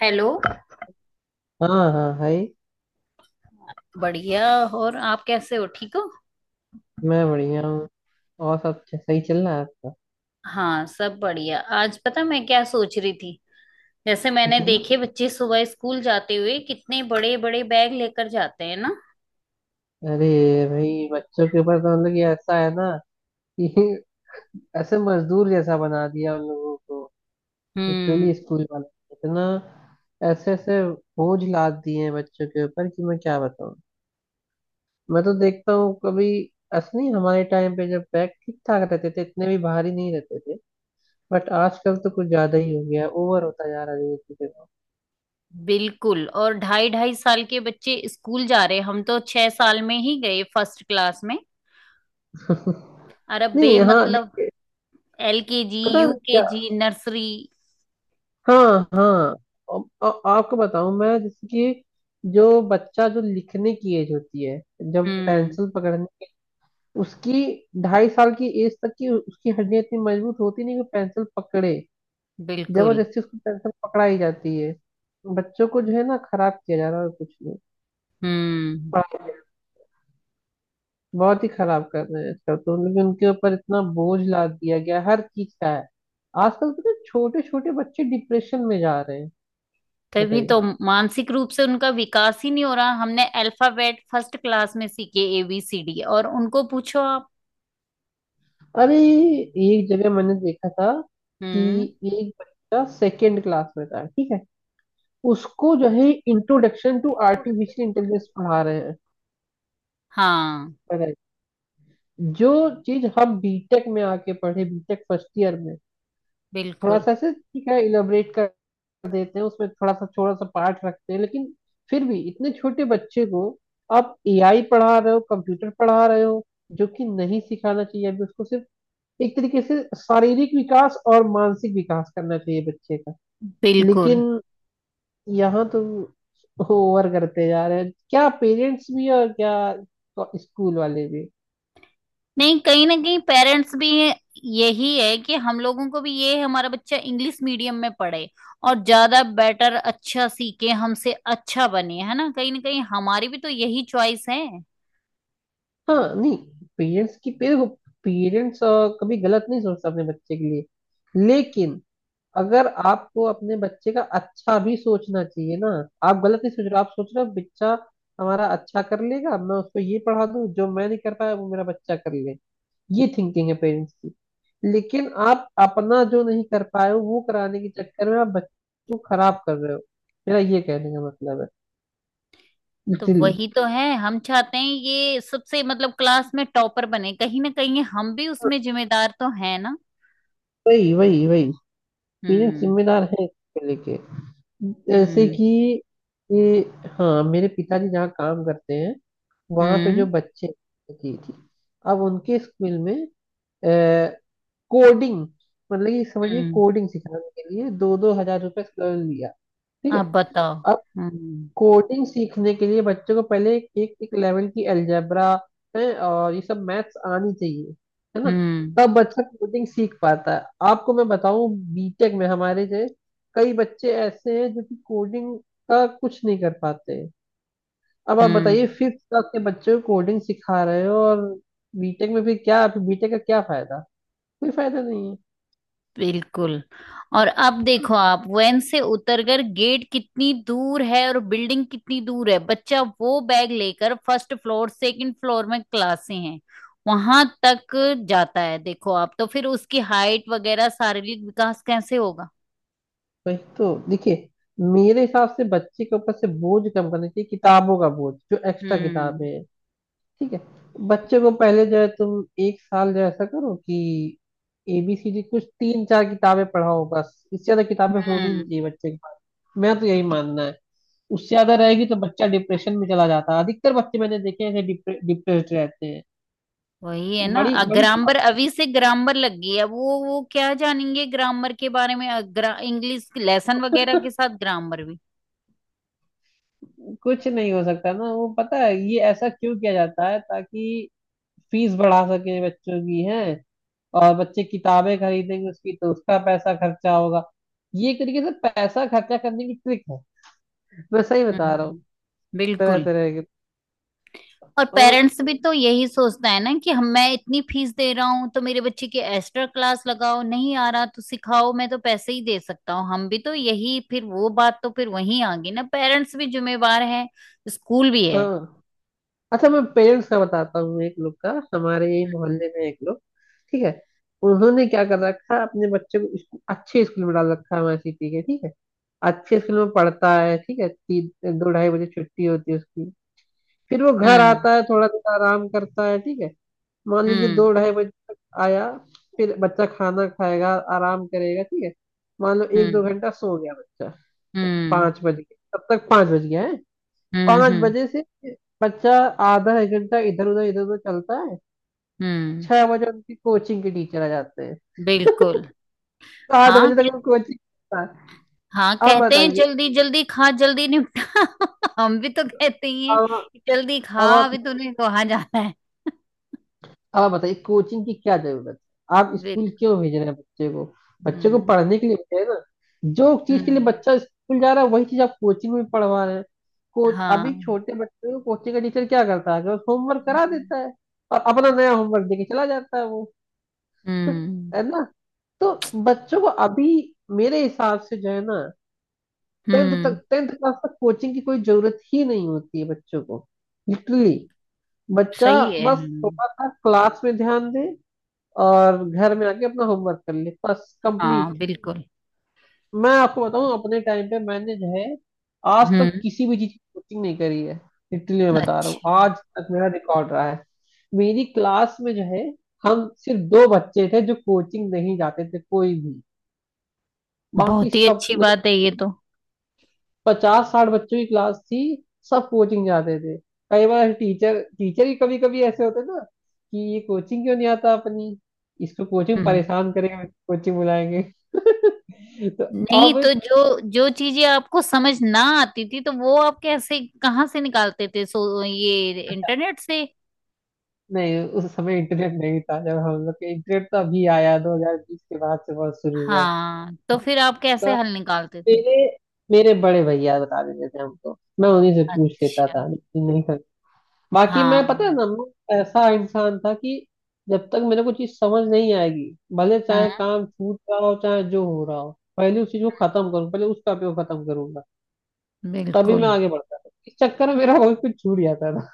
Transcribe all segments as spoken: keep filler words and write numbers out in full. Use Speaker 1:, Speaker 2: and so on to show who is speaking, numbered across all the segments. Speaker 1: Hello.
Speaker 2: हाँ हाँ भाई।
Speaker 1: बढ़िया। और आप कैसे हो, ठीक हो?
Speaker 2: मैं बढ़िया हूँ। और सब च- सही चल रहा है आपका?
Speaker 1: हाँ, सब बढ़िया। आज पता मैं क्या सोच रही थी, जैसे मैंने
Speaker 2: जी।
Speaker 1: देखे बच्चे सुबह स्कूल जाते हुए कितने बड़े बड़े बैग लेकर जाते हैं ना।
Speaker 2: अरे भाई, बच्चों के ऊपर तो मतलब कि ऐसा है ना कि ऐसे मजदूर जैसा बना दिया उन लोगों को।
Speaker 1: हम्म।
Speaker 2: लिटरली स्कूल वाले इतना ऐसे ऐसे बोझ लाद दिए हैं बच्चों के ऊपर कि मैं क्या बताऊँ। मैं तो देखता हूँ कभी। ऐसा नहीं हमारे टाइम पे, जब बैग ठीक ठाक रहते थे, इतने भी भारी नहीं रहते थे। बट आजकल तो कुछ ज्यादा ही हो गया, ओवर होता जा रहा है धीरे धीरे।
Speaker 1: बिल्कुल। और ढाई ढाई साल के बच्चे स्कूल जा रहे हैं, हम तो छह साल में ही गए फर्स्ट क्लास में। और अब बे
Speaker 2: नहीं, हाँ
Speaker 1: मतलब
Speaker 2: देखिए।
Speaker 1: एल के जी
Speaker 2: पता है
Speaker 1: यू के
Speaker 2: क्या?
Speaker 1: जी नर्सरी।
Speaker 2: हाँ हाँ। अब- अब आपको बताऊं मैं, जैसे कि जो बच्चा जो लिखने की एज होती है, जब
Speaker 1: हम्म।
Speaker 2: पेंसिल पकड़ने की उसकी, ढाई साल की एज तक की उसकी हड्डियां इतनी मजबूत होती नहीं कि पेंसिल पकड़े।
Speaker 1: बिल्कुल।
Speaker 2: जबरदस्ती उसको पेंसिल पकड़ाई जाती है। बच्चों को जो है ना खराब किया जा रहा है और कुछ नहीं।
Speaker 1: हम्म।
Speaker 2: पढ़ाई में बहुत ही खराब कर रहे हैं आजकल तो, लेकिन उनके ऊपर इतना बोझ लाद दिया गया है, हर चीज का है। आजकल तो छोटे छोटे बच्चे डिप्रेशन में जा रहे हैं।
Speaker 1: तभी तो।
Speaker 2: बताइए।
Speaker 1: मानसिक रूप से उनका विकास ही नहीं हो रहा। हमने अल्फाबेट फर्स्ट क्लास में सीखे ए बी सी डी, और उनको पूछो आप।
Speaker 2: अरे एक जगह मैंने देखा था
Speaker 1: हम्म।
Speaker 2: कि एक बच्चा सेकेंड क्लास में था, ठीक है, उसको जो है इंट्रोडक्शन टू आर्टिफिशियल इंटेलिजेंस पढ़ा रहे हैं।
Speaker 1: हाँ।
Speaker 2: पढ़ाए। जो चीज हम बीटेक में आके पढ़े, बीटेक फर्स्ट ईयर में, थोड़ा
Speaker 1: बिल्कुल।
Speaker 2: सा ऐसे ठीक है इलेबरेट कर देते हैं, उसमें थोड़ा सा छोटा सा पार्ट रखते हैं, लेकिन फिर भी इतने छोटे बच्चे को आप एआई पढ़ा रहे हो, कंप्यूटर पढ़ा रहे हो, जो कि नहीं सिखाना चाहिए अभी उसको। सिर्फ एक तरीके से शारीरिक विकास और मानसिक विकास करना चाहिए बच्चे का।
Speaker 1: बिल्कुल।
Speaker 2: लेकिन यहाँ तो ओवर करते जा रहे हैं, क्या पेरेंट्स भी और क्या स्कूल वाले भी।
Speaker 1: नहीं, कहीं ना कहीं पेरेंट्स भी। यही है कि हम लोगों को भी ये है, हमारा बच्चा इंग्लिश मीडियम में पढ़े और ज्यादा बेटर अच्छा सीखे, हमसे अच्छा बने, है ना? कहीं ना कहीं हमारी भी तो यही चॉइस है।
Speaker 2: हाँ नहीं, पेरेंट्स की, पेरेंट्स कभी गलत नहीं सोचता अपने बच्चे के लिए। लेकिन अगर आपको अपने बच्चे का अच्छा भी सोचना चाहिए ना, आप गलत नहीं सोच रहे, आप सोच रहे हो बच्चा हमारा अच्छा कर लेगा, मैं उसको ये पढ़ा दूं जो मैं नहीं कर पाया वो मेरा बच्चा कर ले। ये थिंकिंग है पेरेंट्स की। लेकिन आप अपना जो नहीं कर पाए हो वो कराने के चक्कर में आप बच्चों को खराब कर रहे हो। मेरा ये कहने का मतलब है।
Speaker 1: तो
Speaker 2: इसीलिए
Speaker 1: वही तो है, हम चाहते हैं ये सबसे मतलब क्लास में टॉपर बने, कहीं ना कहीं हम भी उसमें जिम्मेदार तो है ना।
Speaker 2: वही वही वही पेरेंट्स
Speaker 1: हम्म।
Speaker 2: जिम्मेदार है इसको लेके, जैसे
Speaker 1: हम्म।
Speaker 2: कि ये, हाँ मेरे पिताजी जहाँ काम करते हैं वहां पे जो
Speaker 1: हम्म।
Speaker 2: बच्चे की थी, अब उनके स्कूल में कोडिंग, मतलब कि समझिए
Speaker 1: हम्म।
Speaker 2: कोडिंग सिखाने के लिए दो दो हजार रुपए लिया। ठीक
Speaker 1: आप
Speaker 2: है।
Speaker 1: बताओ। हम्म।
Speaker 2: कोडिंग सीखने के लिए बच्चों को पहले एक एक, एक लेवल की अलजेब्रा है, और ये सब मैथ्स आनी चाहिए, है ना?
Speaker 1: हम्म।
Speaker 2: तब बच्चा कोडिंग सीख पाता है। आपको मैं बताऊं, बीटेक में हमारे जो कई बच्चे ऐसे हैं जो कि कोडिंग का कुछ नहीं कर पाते हैं। अब आप बताइए
Speaker 1: हम्म।
Speaker 2: फिफ्थ क्लास के बच्चों को कोडिंग सिखा रहे हो, और बीटेक में फिर क्या, बीटेक का क्या फायदा? कोई फायदा नहीं है।
Speaker 1: बिल्कुल। और अब देखो आप, वैन से उतरकर गेट कितनी दूर है और बिल्डिंग कितनी दूर है, बच्चा वो बैग लेकर फर्स्ट फ्लोर सेकंड फ्लोर में क्लासें हैं वहां तक जाता है, देखो आप। तो फिर उसकी हाइट वगैरह शारीरिक विकास कैसे होगा?
Speaker 2: वही तो देखिए, मेरे हिसाब से बच्चे के ऊपर से बोझ कम करना चाहिए, किताबों का बोझ, जो एक्स्ट्रा किताबें
Speaker 1: हम्म।
Speaker 2: हैं। ठीक है। बच्चे को पहले जो है तुम एक साल जो ऐसा करो कि एबीसीडी कुछ तीन चार किताबें पढ़ाओ, बस, इससे ज्यादा किताबें होनी नहीं
Speaker 1: हम्म।
Speaker 2: चाहिए बच्चे के पास। मैं तो यही मानना है। उससे ज्यादा रहेगी तो बच्चा डिप्रेशन में चला जाता है। अधिकतर बच्चे मैंने देखे हैं डिप्रेस्ड रहते हैं।
Speaker 1: वही है ना।
Speaker 2: बड़ी बड़ी
Speaker 1: ग्रामर,
Speaker 2: प्रॉब्लम-
Speaker 1: अभी से ग्रामर लग गई है। वो वो क्या जानेंगे ग्रामर के बारे में, अ, ग्रा, इंग्लिश लेसन वगैरह के साथ ग्रामर भी।
Speaker 2: कुछ नहीं हो सकता ना वो। पता है ये ऐसा क्यों किया जाता है? ताकि फीस बढ़ा सके बच्चों की, है, और बच्चे किताबें खरीदेंगे उसकी तो उसका पैसा खर्चा होगा। ये एक तरीके से पैसा खर्चा करने की ट्रिक है, मैं सही बता रहा
Speaker 1: हम्म।
Speaker 2: हूँ। तरह
Speaker 1: बिल्कुल।
Speaker 2: तरह के।
Speaker 1: और
Speaker 2: और
Speaker 1: पेरेंट्स भी तो यही सोचता है ना कि हम, मैं इतनी फीस दे रहा हूँ तो मेरे बच्चे की एक्स्ट्रा क्लास लगाओ, नहीं आ रहा तो सिखाओ, मैं तो पैसे ही दे सकता हूँ, हम भी तो यही। फिर वो बात तो फिर वहीं आ गई ना, पेरेंट्स भी जिम्मेवार है, स्कूल भी है।
Speaker 2: हाँ, अच्छा मैं पेरेंट्स का बताता हूँ, एक लोग का हमारे यही मोहल्ले में, एक लोग, ठीक है, उन्होंने क्या कर रखा है अपने बच्चे को स्कू- अच्छे स्कूल में डाल रखा है, हमारे सिटी के, ठीक है, अच्छे स्कूल में पढ़ता है, ठीक है। तीन दो ढाई बजे छुट्टी होती है उसकी, फिर वो घर
Speaker 1: हम्म।
Speaker 2: आता है, थोड़ा देर आराम करता है, ठीक है, मान लीजिए
Speaker 1: हम्म।
Speaker 2: दो ढाई बजे तक आया, फिर बच्चा खाना खाएगा, आराम करेगा, ठीक है, मान लो एक दो
Speaker 1: हम्म।
Speaker 2: घंटा सो गया बच्चा,
Speaker 1: हम्म।
Speaker 2: पाँच बज गए तब तक, पाँच बज गया है।
Speaker 1: हम्म।
Speaker 2: पाँच
Speaker 1: हम्म।
Speaker 2: बजे से बच्चा आधा एक घंटा इधर उधर इधर उधर चलता है,
Speaker 1: हम्म।
Speaker 2: छह बजे उनकी कोचिंग के टीचर आ जाते हैं।
Speaker 1: बिल्कुल।
Speaker 2: सात
Speaker 1: हाँ
Speaker 2: बजे
Speaker 1: कह,
Speaker 2: तक वो कोचिंग।
Speaker 1: हाँ,
Speaker 2: अब
Speaker 1: कहते हैं
Speaker 2: बताइए,
Speaker 1: जल्दी जल्दी खा, जल्दी निपटा। हम भी तो कहते ही हैं
Speaker 2: अब
Speaker 1: कि जल्दी खा,
Speaker 2: अब आप
Speaker 1: अभी तूने कहाँ जाना है।
Speaker 2: अब आप बताइए कोचिंग की क्या जरूरत है? आप स्कूल
Speaker 1: बिल्कुल।
Speaker 2: क्यों भेज रहे हैं बच्चे को? बच्चे को
Speaker 1: हम्म।
Speaker 2: पढ़ने के लिए भेज रहे हैं ना? जो चीज के लिए
Speaker 1: हम्म।
Speaker 2: बच्चा स्कूल जा रहा है वही चीज आप कोचिंग में पढ़वा रहे हैं को। अभी
Speaker 1: हाँ।
Speaker 2: छोटे बच्चों को कोचिंग का टीचर क्या करता है कि बस होमवर्क करा देता है और अपना नया होमवर्क देके चला जाता है वो।
Speaker 1: हम्म।
Speaker 2: है ना? तो बच्चों को अभी, मेरे हिसाब से जो है ना, टेंथ
Speaker 1: हम्म।
Speaker 2: तक, टेंथ क्लास तक कोचिंग की कोई जरूरत ही नहीं होती है बच्चों को। लिटरली बच्चा
Speaker 1: सही है।
Speaker 2: बस
Speaker 1: हम्म।
Speaker 2: थोड़ा सा क्लास में ध्यान दे और घर में आके अपना होमवर्क कर ले, बस
Speaker 1: हाँ,
Speaker 2: कंप्लीट।
Speaker 1: बिल्कुल।
Speaker 2: मैं आपको बताऊं, अपने टाइम पे मैंने जो है आज तक
Speaker 1: हम्म।
Speaker 2: किसी भी चीज की कोचिंग नहीं करी है। लिटरली मैं बता रहा हूँ,
Speaker 1: अच्छा।
Speaker 2: आज तक मेरा रिकॉर्ड रहा है। मेरी क्लास में जो है हम सिर्फ दो बच्चे थे जो कोचिंग नहीं जाते थे कोई भी, बाकी
Speaker 1: बहुत ही
Speaker 2: सब
Speaker 1: अच्छी
Speaker 2: मतलब,
Speaker 1: बात है ये तो।
Speaker 2: पचास साठ बच्चों की क्लास थी, सब कोचिंग जाते थे। कई बार टीचर टीचर ही कभी कभी ऐसे होते ना कि ये कोचिंग क्यों नहीं आता अपनी, इसको कोचिंग
Speaker 1: हम्म।
Speaker 2: परेशान करेगा, कोचिंग बुलाएंगे। तो
Speaker 1: नहीं,
Speaker 2: अब
Speaker 1: तो जो जो चीजें आपको समझ ना आती थी तो वो आप कैसे कहाँ से निकालते थे, सो ये इंटरनेट से?
Speaker 2: नहीं, उस समय इंटरनेट नहीं था जब हम लोग के, इंटरनेट तो अभी आया दो हज़ार बीस के बाद से बहुत शुरू हुआ है।
Speaker 1: हाँ, तो फिर आप
Speaker 2: तो
Speaker 1: कैसे हल निकालते थे?
Speaker 2: मेरे मेरे बड़े भैया बता देते थे हमको, मैं उन्हीं से पूछ लेता
Speaker 1: अच्छा।
Speaker 2: था, लेकिन नहीं, बाकी मैं,
Speaker 1: हाँ।
Speaker 2: पता है ना, मैं ऐसा इंसान था कि जब तक मेरे को चीज समझ नहीं आएगी, भले चाहे
Speaker 1: हम्म।
Speaker 2: काम छूट रहा हो, चाहे जो हो रहा हो, पहले उस चीज को खत्म करूँ, पहले उसका उपयोग खत्म करूंगा, तभी
Speaker 1: बिल्कुल।
Speaker 2: मैं आगे बढ़ता था। इस चक्कर में मेरा बहुत कुछ छूट जाता था।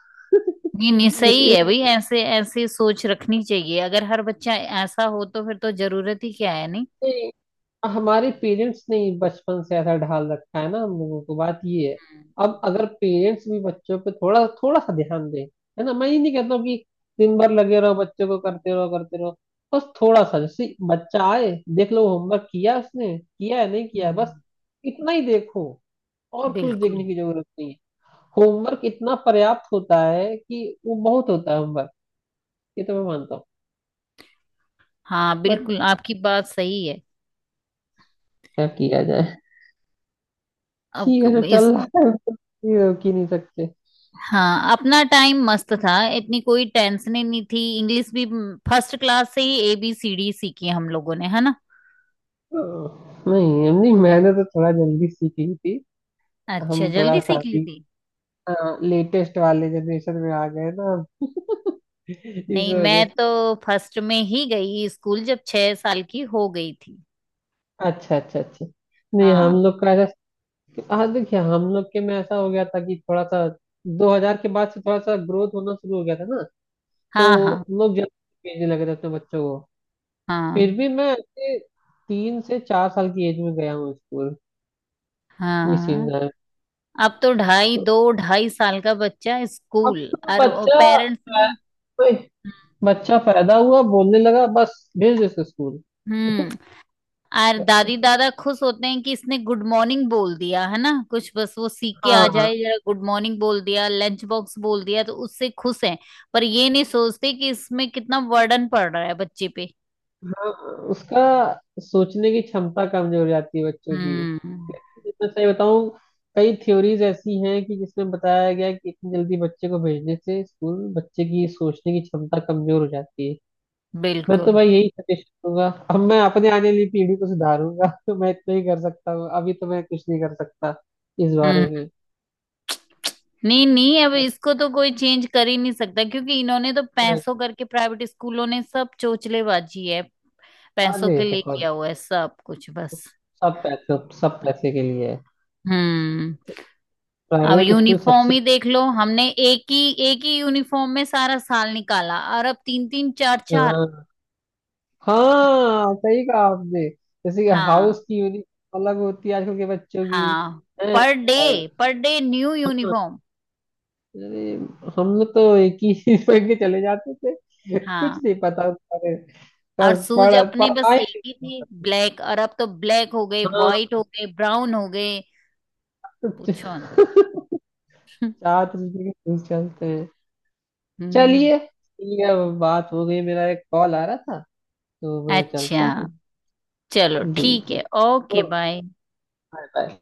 Speaker 1: नहीं नहीं, सही है
Speaker 2: एक,
Speaker 1: भाई, ऐसे ऐसे सोच रखनी चाहिए। अगर हर बच्चा ऐसा हो तो फिर तो जरूरत ही क्या है। नहीं।
Speaker 2: हमारे पेरेंट्स ने ही बचपन से ऐसा ढाल रखा है ना हम लोगों को, बात ये है।
Speaker 1: हम्म।
Speaker 2: अब अगर पेरेंट्स भी बच्चों पे थोड़ा थोड़ा सा ध्यान दें, है ना, मैं ये नहीं कहता हूँ कि दिन भर लगे रहो बच्चों को, करते रहो करते रहो, बस थोड़ा सा जैसे बच्चा आए देख लो होमवर्क किया उसने, किया है नहीं किया है, बस
Speaker 1: हम्म।
Speaker 2: इतना ही देखो, और कुछ
Speaker 1: बिल्कुल।
Speaker 2: देखने की जरूरत नहीं है। होमवर्क इतना पर्याप्त होता है कि वो बहुत होता है होमवर्क, ये तो मैं मानता हूँ।
Speaker 1: हाँ
Speaker 2: बट
Speaker 1: बिल्कुल, आपकी बात सही है।
Speaker 2: क्या किया जाए,
Speaker 1: अब
Speaker 2: ठीक है, जो
Speaker 1: क-
Speaker 2: चल
Speaker 1: इस।
Speaker 2: रहा है उसको कि नहीं सकते।
Speaker 1: हाँ, अपना टाइम मस्त था, इतनी कोई टेंशन ही नहीं थी। इंग्लिश भी फर्स्ट क्लास से ही ए बी सी डी सीखी हम लोगों ने, है ना?
Speaker 2: नहीं नहीं, मैंने तो थोड़ा जल्दी सीखी थी।
Speaker 1: अच्छा,
Speaker 2: हम थोड़ा
Speaker 1: जल्दी
Speaker 2: सा
Speaker 1: सीख ली
Speaker 2: अभी
Speaker 1: थी।
Speaker 2: लेटेस्ट वाले जनरेशन में आ गए ना हम। इस
Speaker 1: नहीं,
Speaker 2: वजह
Speaker 1: मैं
Speaker 2: से।
Speaker 1: तो फर्स्ट में ही गई स्कूल, जब छह साल की हो गई थी।
Speaker 2: अच्छा अच्छा अच्छा। नहीं हम
Speaker 1: हाँ।
Speaker 2: लोग का ऐसा, हाँ देखिए हम लोग के में ऐसा हो गया था कि थोड़ा सा दो हज़ार के बाद से थोड़ा सा ग्रोथ होना शुरू हो गया था ना,
Speaker 1: हाँ। हाँ।
Speaker 2: तो लोग जल्दी भेजने लगे थे अपने बच्चों को। फिर
Speaker 1: हाँ।
Speaker 2: भी मैं ऐसे तीन से चार साल की एज में गया हूँ स्कूल, ये सीन
Speaker 1: हाँ।
Speaker 2: है।
Speaker 1: अब तो ढाई
Speaker 2: तो
Speaker 1: दो, ढाई साल का बच्चा
Speaker 2: अब
Speaker 1: स्कूल,
Speaker 2: तो
Speaker 1: और
Speaker 2: बच्चा,
Speaker 1: पेरेंट्स भी।
Speaker 2: बच्चा पैदा हुआ बोलने लगा बस भेज दो इसको स्कूल।
Speaker 1: हम्म। और दादी दादा खुश होते हैं कि इसने गुड मॉर्निंग बोल दिया, है ना, कुछ बस वो सीख के
Speaker 2: हाँ
Speaker 1: आ
Speaker 2: हाँ।
Speaker 1: जाए, जरा गुड मॉर्निंग बोल दिया, लंच बॉक्स बोल दिया तो उससे खुश हैं। पर ये नहीं सोचते कि इसमें कितना वर्डन पड़ रहा है बच्चे पे।
Speaker 2: उसका सोचने की क्षमता कमजोर हो जाती है बच्चों की,
Speaker 1: हम्म।
Speaker 2: लेकिन मैं सही बताऊं कई थ्योरीज ऐसी हैं कि जिसमें बताया गया है कि इतनी जल्दी बच्चे को भेजने से स्कूल, बच्चे की सोचने की क्षमता कमजोर हो जाती है। मैं तो
Speaker 1: बिल्कुल।
Speaker 2: भाई यही सजेशन दूंगा, अब मैं अपने आने वाली पीढ़ी को सुधारूंगा। तो मैं इतना ही कर सकता हूँ, अभी तो मैं कुछ नहीं कर सकता इस
Speaker 1: हम्म।
Speaker 2: बारे में।
Speaker 1: नहीं नहीं, अब
Speaker 2: बस
Speaker 1: इसको तो कोई चेंज कर ही नहीं सकता, क्योंकि इन्होंने तो
Speaker 2: वही।
Speaker 1: पैसों करके, प्राइवेट स्कूलों ने सब चोचलेबाजी है,
Speaker 2: बाद
Speaker 1: पैसों
Speaker 2: में
Speaker 1: के लिए
Speaker 2: पकड़।
Speaker 1: किया हुआ है सब कुछ बस।
Speaker 2: सब पैसे, सब पैसे के लिए है,
Speaker 1: हम्म। अब
Speaker 2: प्राइवेट स्कूल
Speaker 1: यूनिफॉर्म
Speaker 2: सबसे।
Speaker 1: ही देख लो, हमने एक ही एक ही यूनिफॉर्म में सारा साल निकाला, और अब तीन तीन चार चार।
Speaker 2: हाँ हाँ, सही कहा आपने। जैसे कि
Speaker 1: हाँ।
Speaker 2: हाउस की यूनिफॉर्म अलग होती है आजकल के बच्चों की
Speaker 1: हाँ।
Speaker 2: हैं?
Speaker 1: पर डे,
Speaker 2: और
Speaker 1: पर डे न्यू
Speaker 2: हाँ,
Speaker 1: यूनिफॉर्म।
Speaker 2: अरे हम लोग तो एक ही चीज पहन के चले जाते थे, कुछ
Speaker 1: हाँ।
Speaker 2: नहीं पता होता है।
Speaker 1: और
Speaker 2: बस
Speaker 1: शूज
Speaker 2: पढ़
Speaker 1: अपने बस
Speaker 2: पढ़ाई
Speaker 1: एक
Speaker 2: से
Speaker 1: ही थे
Speaker 2: होता
Speaker 1: ब्लैक, और अब तो ब्लैक हो गए,
Speaker 2: था। हाँ।
Speaker 1: व्हाइट हो गए, ब्राउन हो गए। पूछो ना।
Speaker 2: छात्र जी के टूल्स चलते हैं।
Speaker 1: हम्म।
Speaker 2: चलिए ठीक है, बात हो गई, मेरा एक कॉल आ रहा था तो मैं
Speaker 1: अच्छा,
Speaker 2: चलता हूँ।
Speaker 1: चलो
Speaker 2: जी
Speaker 1: ठीक
Speaker 2: जी।
Speaker 1: है, ओके बाय।
Speaker 2: Bye bye.